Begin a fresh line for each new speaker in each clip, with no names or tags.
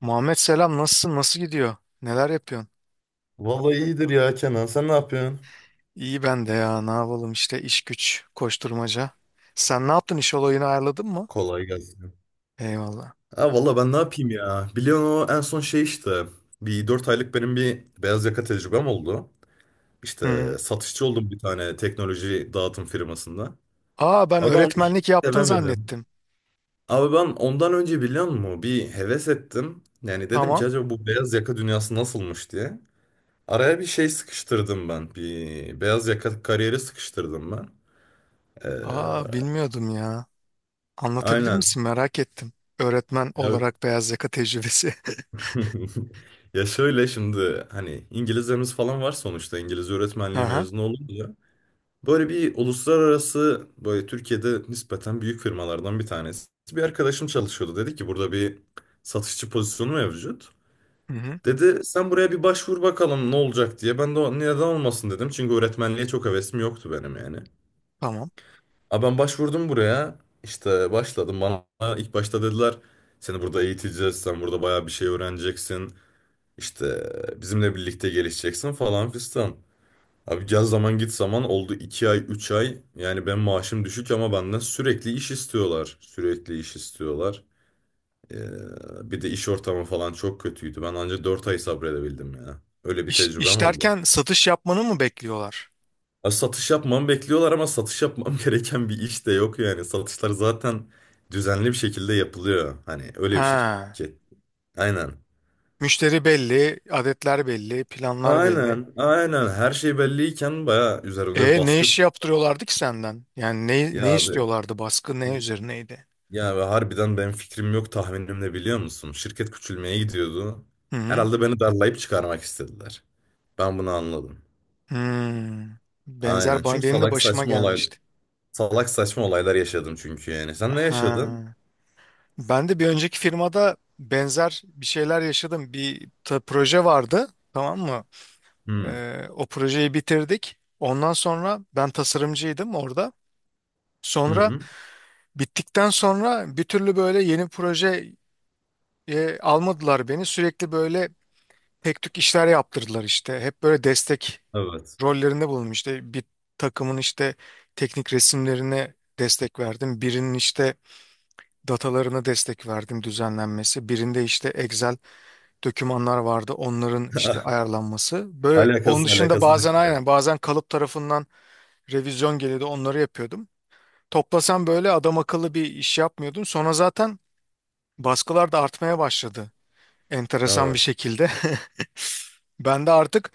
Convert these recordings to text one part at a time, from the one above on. Muhammed, selam. Nasılsın, nasıl gidiyor, neler yapıyorsun?
Vallahi iyidir ya Kenan. Sen ne yapıyorsun?
İyi ben de ya, ne yapalım işte, iş güç koşturmaca. Sen ne yaptın, iş olayını ayarladın mı?
Kolay gelsin.
Eyvallah.
Ha valla ben ne yapayım ya? Biliyorsun o en son şey işte. Bir 4 aylık benim bir beyaz yaka tecrübem oldu.
Hı hı.
İşte satışçı oldum bir tane teknoloji dağıtım firmasında.
Aa, ben
Abi ben onu hiç
öğretmenlik yaptın
sevemedim.
zannettim.
Abi ben ondan önce biliyor musun? Bir heves ettim. Yani dedim ki
Tamam.
acaba bu beyaz yaka dünyası nasılmış diye. Araya bir şey sıkıştırdım ben. Bir beyaz yaka kariyeri sıkıştırdım ben.
Aa,
Ee,
bilmiyordum ya. Anlatabilir
aynen.
misin, merak ettim. Öğretmen
Ya
olarak beyaz yaka tecrübesi.
Ya şöyle şimdi hani İngilizlerimiz falan var sonuçta İngiliz öğretmenliği
Aha.
mezunu olunca böyle bir uluslararası böyle Türkiye'de nispeten büyük firmalardan bir tanesi. Bir arkadaşım çalışıyordu dedi ki burada bir satışçı pozisyonu mevcut.
Hı hı.
Dedi sen buraya bir başvur bakalım ne olacak diye. Ben de "O- neden olmasın dedim çünkü öğretmenliğe çok hevesim yoktu benim yani.
Tamam.
Ama ben başvurdum buraya işte başladım bana ilk başta dediler seni burada eğiteceğiz sen burada bayağı bir şey öğreneceksin. İşte bizimle birlikte gelişeceksin falan fistan. Abi gel zaman git zaman oldu 2 ay 3 ay. Yani ben maaşım düşük ama benden sürekli iş istiyorlar. Sürekli iş istiyorlar. Bir de iş ortamı falan çok kötüydü. Ben ancak 4 ay sabredebildim ya. Öyle bir
İş,
tecrübem
iş
oldu.
derken satış yapmanı mı bekliyorlar?
Ya satış yapmamı bekliyorlar ama satış yapmam gereken bir iş de yok yani. Satışlar zaten düzenli bir şekilde yapılıyor. Hani öyle bir
Ha.
şirket. Aynen.
Müşteri belli, adetler belli, planlar belli.
Aynen, aynen. Her şey belliyken bayağı üzerimde bir
E, ne
baskı.
iş yaptırıyorlardı ki senden? Yani ne
Ya abi,
istiyorlardı? Baskı ne üzerineydi?
ya abi, harbiden benim fikrim yok tahminim ne biliyor musun? Şirket küçülmeye gidiyordu.
Hı hı.
Herhalde beni darlayıp çıkarmak istediler. Ben bunu anladım.
Hmm.
Aynen.
Benzer
Çünkü
benim de başıma gelmişti.
salak saçma olaylar yaşadım çünkü yani. Sen ne
Ha.
yaşadın?
Ben de bir önceki firmada benzer bir şeyler yaşadım. Bir proje vardı, tamam mı?
Hmm.
O projeyi bitirdik. Ondan sonra ben tasarımcıydım orada.
Hı
Sonra
hı.
bittikten sonra bir türlü böyle yeni proje almadılar beni. Sürekli böyle tek tük işler yaptırdılar işte. Hep böyle destek
Evet.
rollerinde bulundum. İşte bir takımın işte teknik resimlerine destek verdim. Birinin işte datalarına destek verdim, düzenlenmesi. Birinde işte Excel dokümanlar vardı, onların işte ayarlanması. Böyle onun
Alakasız
dışında,
alakasız
bazen
işler.
aynen, bazen kalıp tarafından revizyon geliyordu, onları yapıyordum. Toplasam böyle adam akıllı bir iş yapmıyordum. Sonra zaten baskılar da artmaya başladı, enteresan bir
Evet.
şekilde. Ben de artık,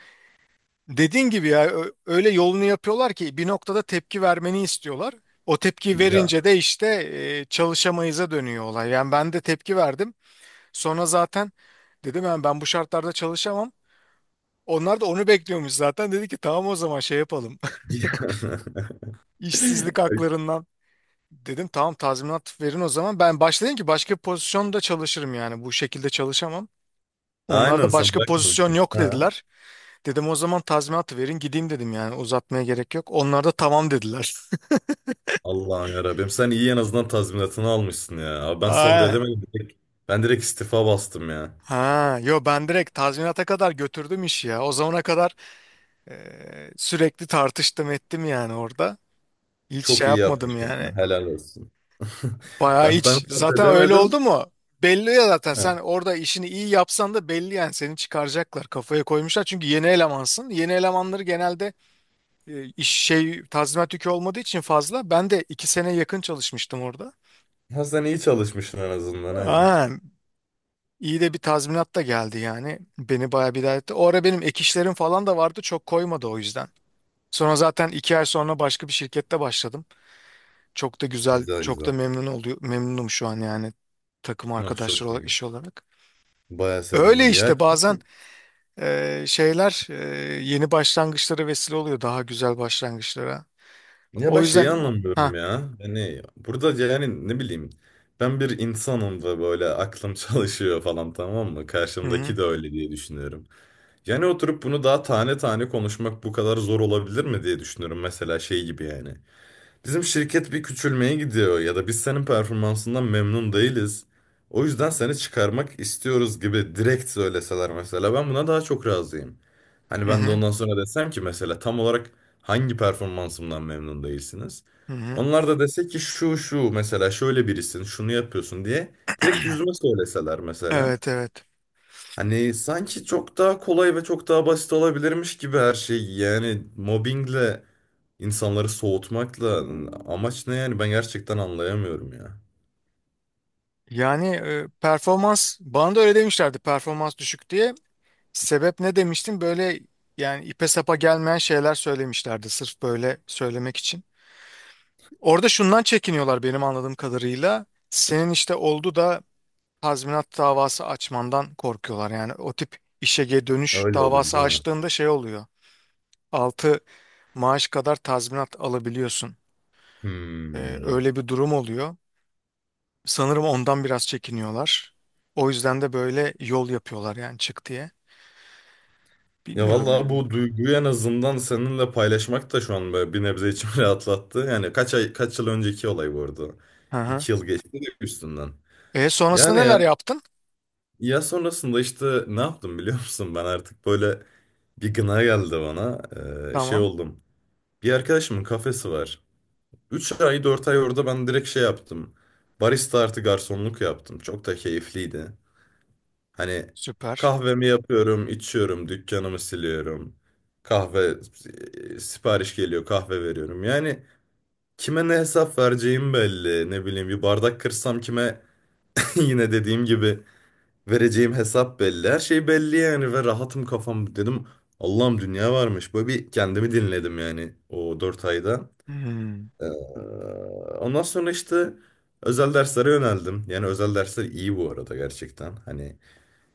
dediğin gibi ya, öyle yolunu yapıyorlar ki bir noktada tepki vermeni istiyorlar. O tepki
Ya.
verince de işte çalışamayıza dönüyor olay. Yani ben de tepki verdim. Sonra zaten dedim yani, ben bu şartlarda çalışamam. Onlar da onu bekliyormuş zaten. Dedi ki tamam, o zaman şey yapalım. İşsizlik haklarından, dedim tamam, tazminat verin o zaman. Ben başladım ki başka bir pozisyonda çalışırım yani, bu şekilde çalışamam. Onlar
Aynen
da
sen
başka pozisyon
bırakmamışsın.
yok
Ha.
dediler. Dedim o zaman tazminat verin gideyim, dedim yani, uzatmaya gerek yok. Onlar da tamam dediler.
Allah'ım yarabbim. Sen iyi en azından tazminatını almışsın ya. Abi ben
Aynen.
sabredemedim. Direkt- Ben direkt istifa bastım ya.
Ha, yo, ben direkt tazminata kadar götürdüm işi ya. O zamana kadar e, sürekli tartıştım ettim yani orada. Hiç şey
Çok iyi
yapmadım
yapmışım ya.
yani.
Helal olsun.
Bayağı
Ben
hiç. Zaten öyle oldu
edemedim.
mu? Belli ya, zaten
Ha.
sen orada işini iyi yapsan da belli yani, seni çıkaracaklar. Kafaya koymuşlar çünkü yeni elemansın. Yeni elemanları genelde iş şey tazminat yükü olmadığı için fazla. Ben de 2 sene yakın çalışmıştım orada.
Ha, sen iyi çalışmışsın en azından aynen.
Aa, İyi de bir tazminat da geldi yani. Beni bayağı bir idare etti. O ara benim ek işlerim falan da vardı. Çok koymadı o yüzden. Sonra zaten 2 ay sonra başka bir şirkette başladım. Çok da güzel,
Güzel
çok
güzel.
da memnun oluyor. Memnunum şu an yani, takım
Oh
arkadaşlar
çok
olarak,
iyi.
iş olarak.
Baya
Öyle
sevindim ya.
işte bazen şeyler yeni başlangıçlara vesile oluyor. Daha güzel başlangıçlara.
Ya ben
O
şeyi
yüzden ha.
anlamıyorum ya. Yani burada yani ne bileyim. Ben bir insanım ve böyle aklım çalışıyor falan tamam mı?
Hı hı.
Karşımdaki de öyle diye düşünüyorum. Yani oturup bunu daha tane tane konuşmak bu kadar zor olabilir mi diye düşünüyorum. Mesela şey gibi yani. Bizim şirket bir küçülmeye gidiyor ya da biz senin performansından memnun değiliz. O yüzden seni çıkarmak istiyoruz gibi direkt söyleseler mesela ben buna daha çok razıyım. Hani
Hı
ben de
hı.
ondan sonra desem ki mesela tam olarak hangi performansımdan memnun değilsiniz?
Hı hı.
Onlar da dese ki şu şu mesela şöyle birisin şunu yapıyorsun diye direkt yüzüme söyleseler mesela.
Evet evet.
Hani sanki çok daha kolay ve çok daha basit olabilirmiş gibi her şey. Yani mobbingle insanları soğutmakla amaç ne yani ben gerçekten anlayamıyorum ya.
Yani performans, bana da öyle demişlerdi, performans düşük diye. Sebep ne demiştin? Böyle yani ipe sapa gelmeyen şeyler söylemişlerdi sırf böyle söylemek için. Orada şundan çekiniyorlar benim anladığım kadarıyla. Senin işte oldu da tazminat davası açmandan korkuyorlar. Yani o tip işe geri dönüş
Öyle oluyor
davası
değil mi?
açtığında şey oluyor. 6 maaş kadar tazminat alabiliyorsun.
Hmm.
Öyle bir durum oluyor. Sanırım ondan biraz çekiniyorlar. O yüzden de böyle yol yapıyorlar yani, çık diye.
Ya
Bilmiyorum
vallahi
yani.
bu duyguyu en azından seninle paylaşmak da şu an böyle bir nebze içimi rahatlattı. Yani kaç ay kaç yıl önceki olay bu arada.
Hı hı.
2 yıl geçti de üstünden.
E,
Yani
sonrasında
ya,
neler yaptın?
ya sonrasında işte ne yaptım biliyor musun? Ben artık böyle bir gına geldi bana. Şey
Tamam.
oldum. Bir arkadaşımın kafesi var. 3 ay 4 ay orada ben direkt şey yaptım. Barista artı garsonluk yaptım. Çok da keyifliydi. Hani
Süper.
kahvemi yapıyorum, içiyorum, dükkanımı siliyorum. Kahve sipariş geliyor, kahve veriyorum. Yani kime ne hesap vereceğim belli. Ne bileyim bir bardak kırsam kime yine dediğim gibi vereceğim hesap belli. Her şey belli yani ve rahatım kafam dedim. Allah'ım dünya varmış. Böyle bir kendimi dinledim yani o 4 ayda.
Hmm.
Ee, ondan sonra işte özel derslere yöneldim. Yani özel dersler iyi bu arada gerçekten. Hani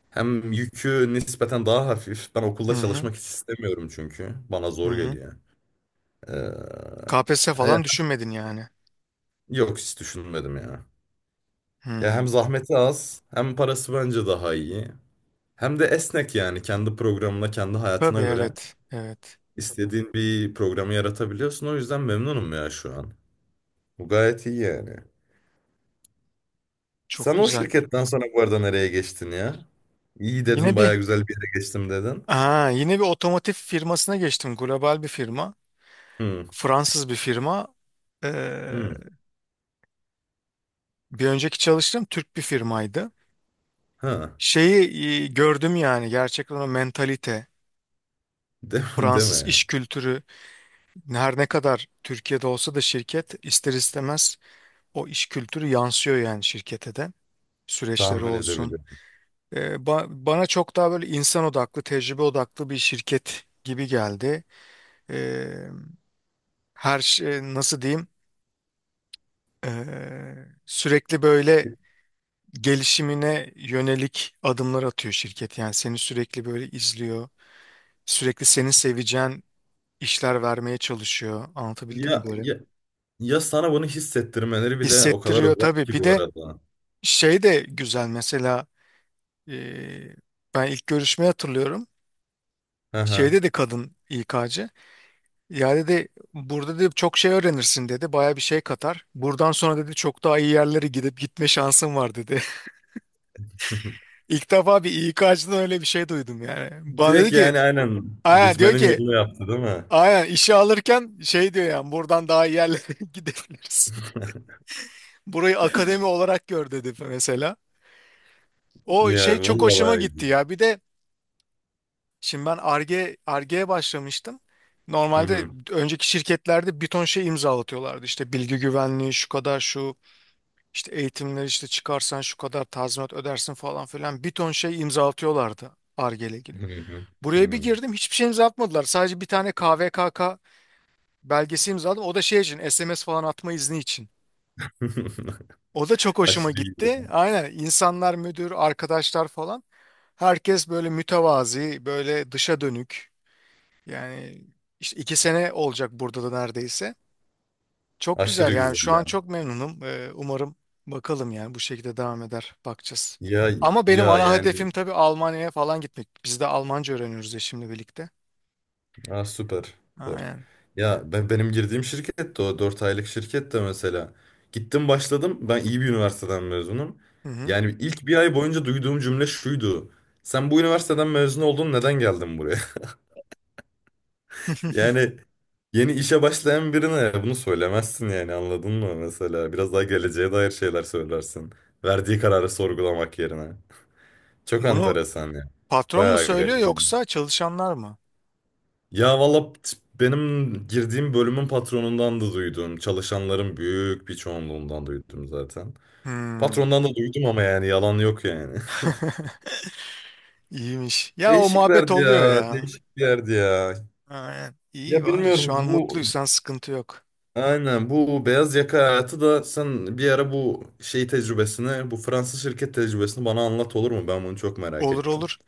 hem yükü nispeten daha hafif. Ben
Hı
okulda
hı.
çalışmak hiç istemiyorum çünkü. Bana
Hı
zor
hı.
geliyor. Ee,
KPSS
e,
falan düşünmedin yani.
yok hiç düşünmedim ya. Ya
Hmm.
hem zahmeti az, hem parası bence daha iyi. Hem de esnek yani kendi programına, kendi
Tabii
hayatına göre
evet. Evet.
istediğin bir programı yaratabiliyorsun. O yüzden memnunum ya şu an. Bu gayet iyi yani.
Çok
Sen o
güzel.
şirketten sonra bu arada nereye geçtin ya? İyi
Yine
dedin baya
bir
güzel bir yere geçtim dedin.
yine bir otomotiv firmasına geçtim. Global bir firma.
Hmm,
Fransız bir firma. Ee,
hmm,
Bir önceki çalıştığım Türk bir firmaydı.
ha.
Şeyi gördüm yani, gerçekten o mentalite,
De deme
Fransız
ya.
iş kültürü her ne kadar Türkiye'de olsa da şirket, ister istemez o iş kültürü yansıyor yani şirkete de. Süreçleri
Tahmin
olsun.
edebiliyorum.
Bana çok daha böyle insan odaklı, tecrübe odaklı bir şirket gibi geldi. E, Her şey nasıl diyeyim? E, Sürekli böyle gelişimine yönelik adımlar atıyor şirket. Yani seni sürekli böyle izliyor. Sürekli senin seveceğin işler vermeye çalışıyor. Anlatabildim mi
Ya,
böyle?
ya, ya sana bunu hissettirmeleri bile o kadar
Hissettiriyor
özel
tabii.
ki
Bir
bu
de
arada.
şey de güzel mesela, e, ben ilk görüşmeyi hatırlıyorum.
Hı hı.
Şeyde de kadın İK'cı. Ya dedi, burada dedi çok şey öğrenirsin dedi. Baya bir şey katar. Buradan sonra dedi çok daha iyi yerlere gidip gitme şansın var dedi. İlk defa bir İK'cıdan öyle bir şey duydum yani. Bana dedi
Direkt
ki,
yani aynen
aya diyor
gitmenin
ki,
yolunu yaptı değil mi?
aya işe alırken şey diyor yani, buradan daha iyi yerlere gidebilirsin. Burayı akademi olarak gör dedi mesela. O şey
Ya
çok
vallahi
hoşuma
bayağı
gitti
güzel.
ya. Bir de şimdi ben Ar-Ge'ye başlamıştım.
Hı
Normalde
hı.
önceki şirketlerde bir ton şey imzalatıyorlardı. İşte bilgi güvenliği şu kadar, şu İşte eğitimleri, işte çıkarsan şu kadar tazminat ödersin falan filan, bir ton şey imzalatıyorlardı Ar-Ge ile ilgili.
Hı hı. Hı
Buraya bir
hı.
girdim, hiçbir şey imzalatmadılar. Sadece bir tane KVKK belgesi imzaladım. O da şey için, SMS falan atma izni için. O da çok hoşuma
Aşırı iyi ya.
gitti. Aynen, insanlar, müdür, arkadaşlar falan, herkes böyle mütevazi, böyle dışa dönük. Yani işte 2 sene olacak burada da neredeyse. Çok güzel
Aşırı
yani,
güzel
şu an
ya.
çok memnunum. Umarım bakalım yani bu şekilde devam eder. Bakacağız.
Ya
Ama benim
ya
ana
yani.
hedefim tabii Almanya'ya falan gitmek. Biz de Almanca öğreniyoruz ya şimdi, birlikte.
Ha, süper. Süper.
Aynen.
Ya ben benim girdiğim şirket de o 4 aylık şirket de mesela. Gittim başladım. Ben iyi bir üniversiteden mezunum.
Hı hı.
Yani ilk bir ay boyunca duyduğum cümle şuydu. Sen bu üniversiteden mezun oldun neden geldin buraya? Yani yeni işe başlayan birine bunu söylemezsin yani anladın mı mesela? Biraz daha geleceğe dair şeyler söylersin. Verdiği kararı sorgulamak yerine. Çok
Bunu
enteresan ya.
patron mu
Bayağı
söylüyor
garip yani.
yoksa çalışanlar mı?
Ya valla benim girdiğim bölümün patronundan da duydum. Çalışanların büyük bir çoğunluğundan duydum zaten.
Hmm.
Patrondan da duydum ama yani yalan yok yani.
İyiymiş. Ya o muhabbet
Değişiklerdi
oluyor
ya,
ya.
değişiklerdi ya.
Aynen. İyi
Ya
var. Şu
bilmiyorum
an
bu
mutluysan sıkıntı yok.
aynen bu beyaz yaka hayatı da sen bir ara bu şey tecrübesini, bu Fransız şirket tecrübesini bana anlat olur mu? Ben bunu çok merak
Olur
ettim.
olur.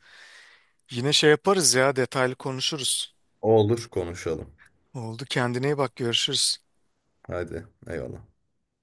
Yine şey yaparız ya, detaylı konuşuruz.
Olur konuşalım.
Oldu, kendine iyi bak, görüşürüz.
Hadi eyvallah.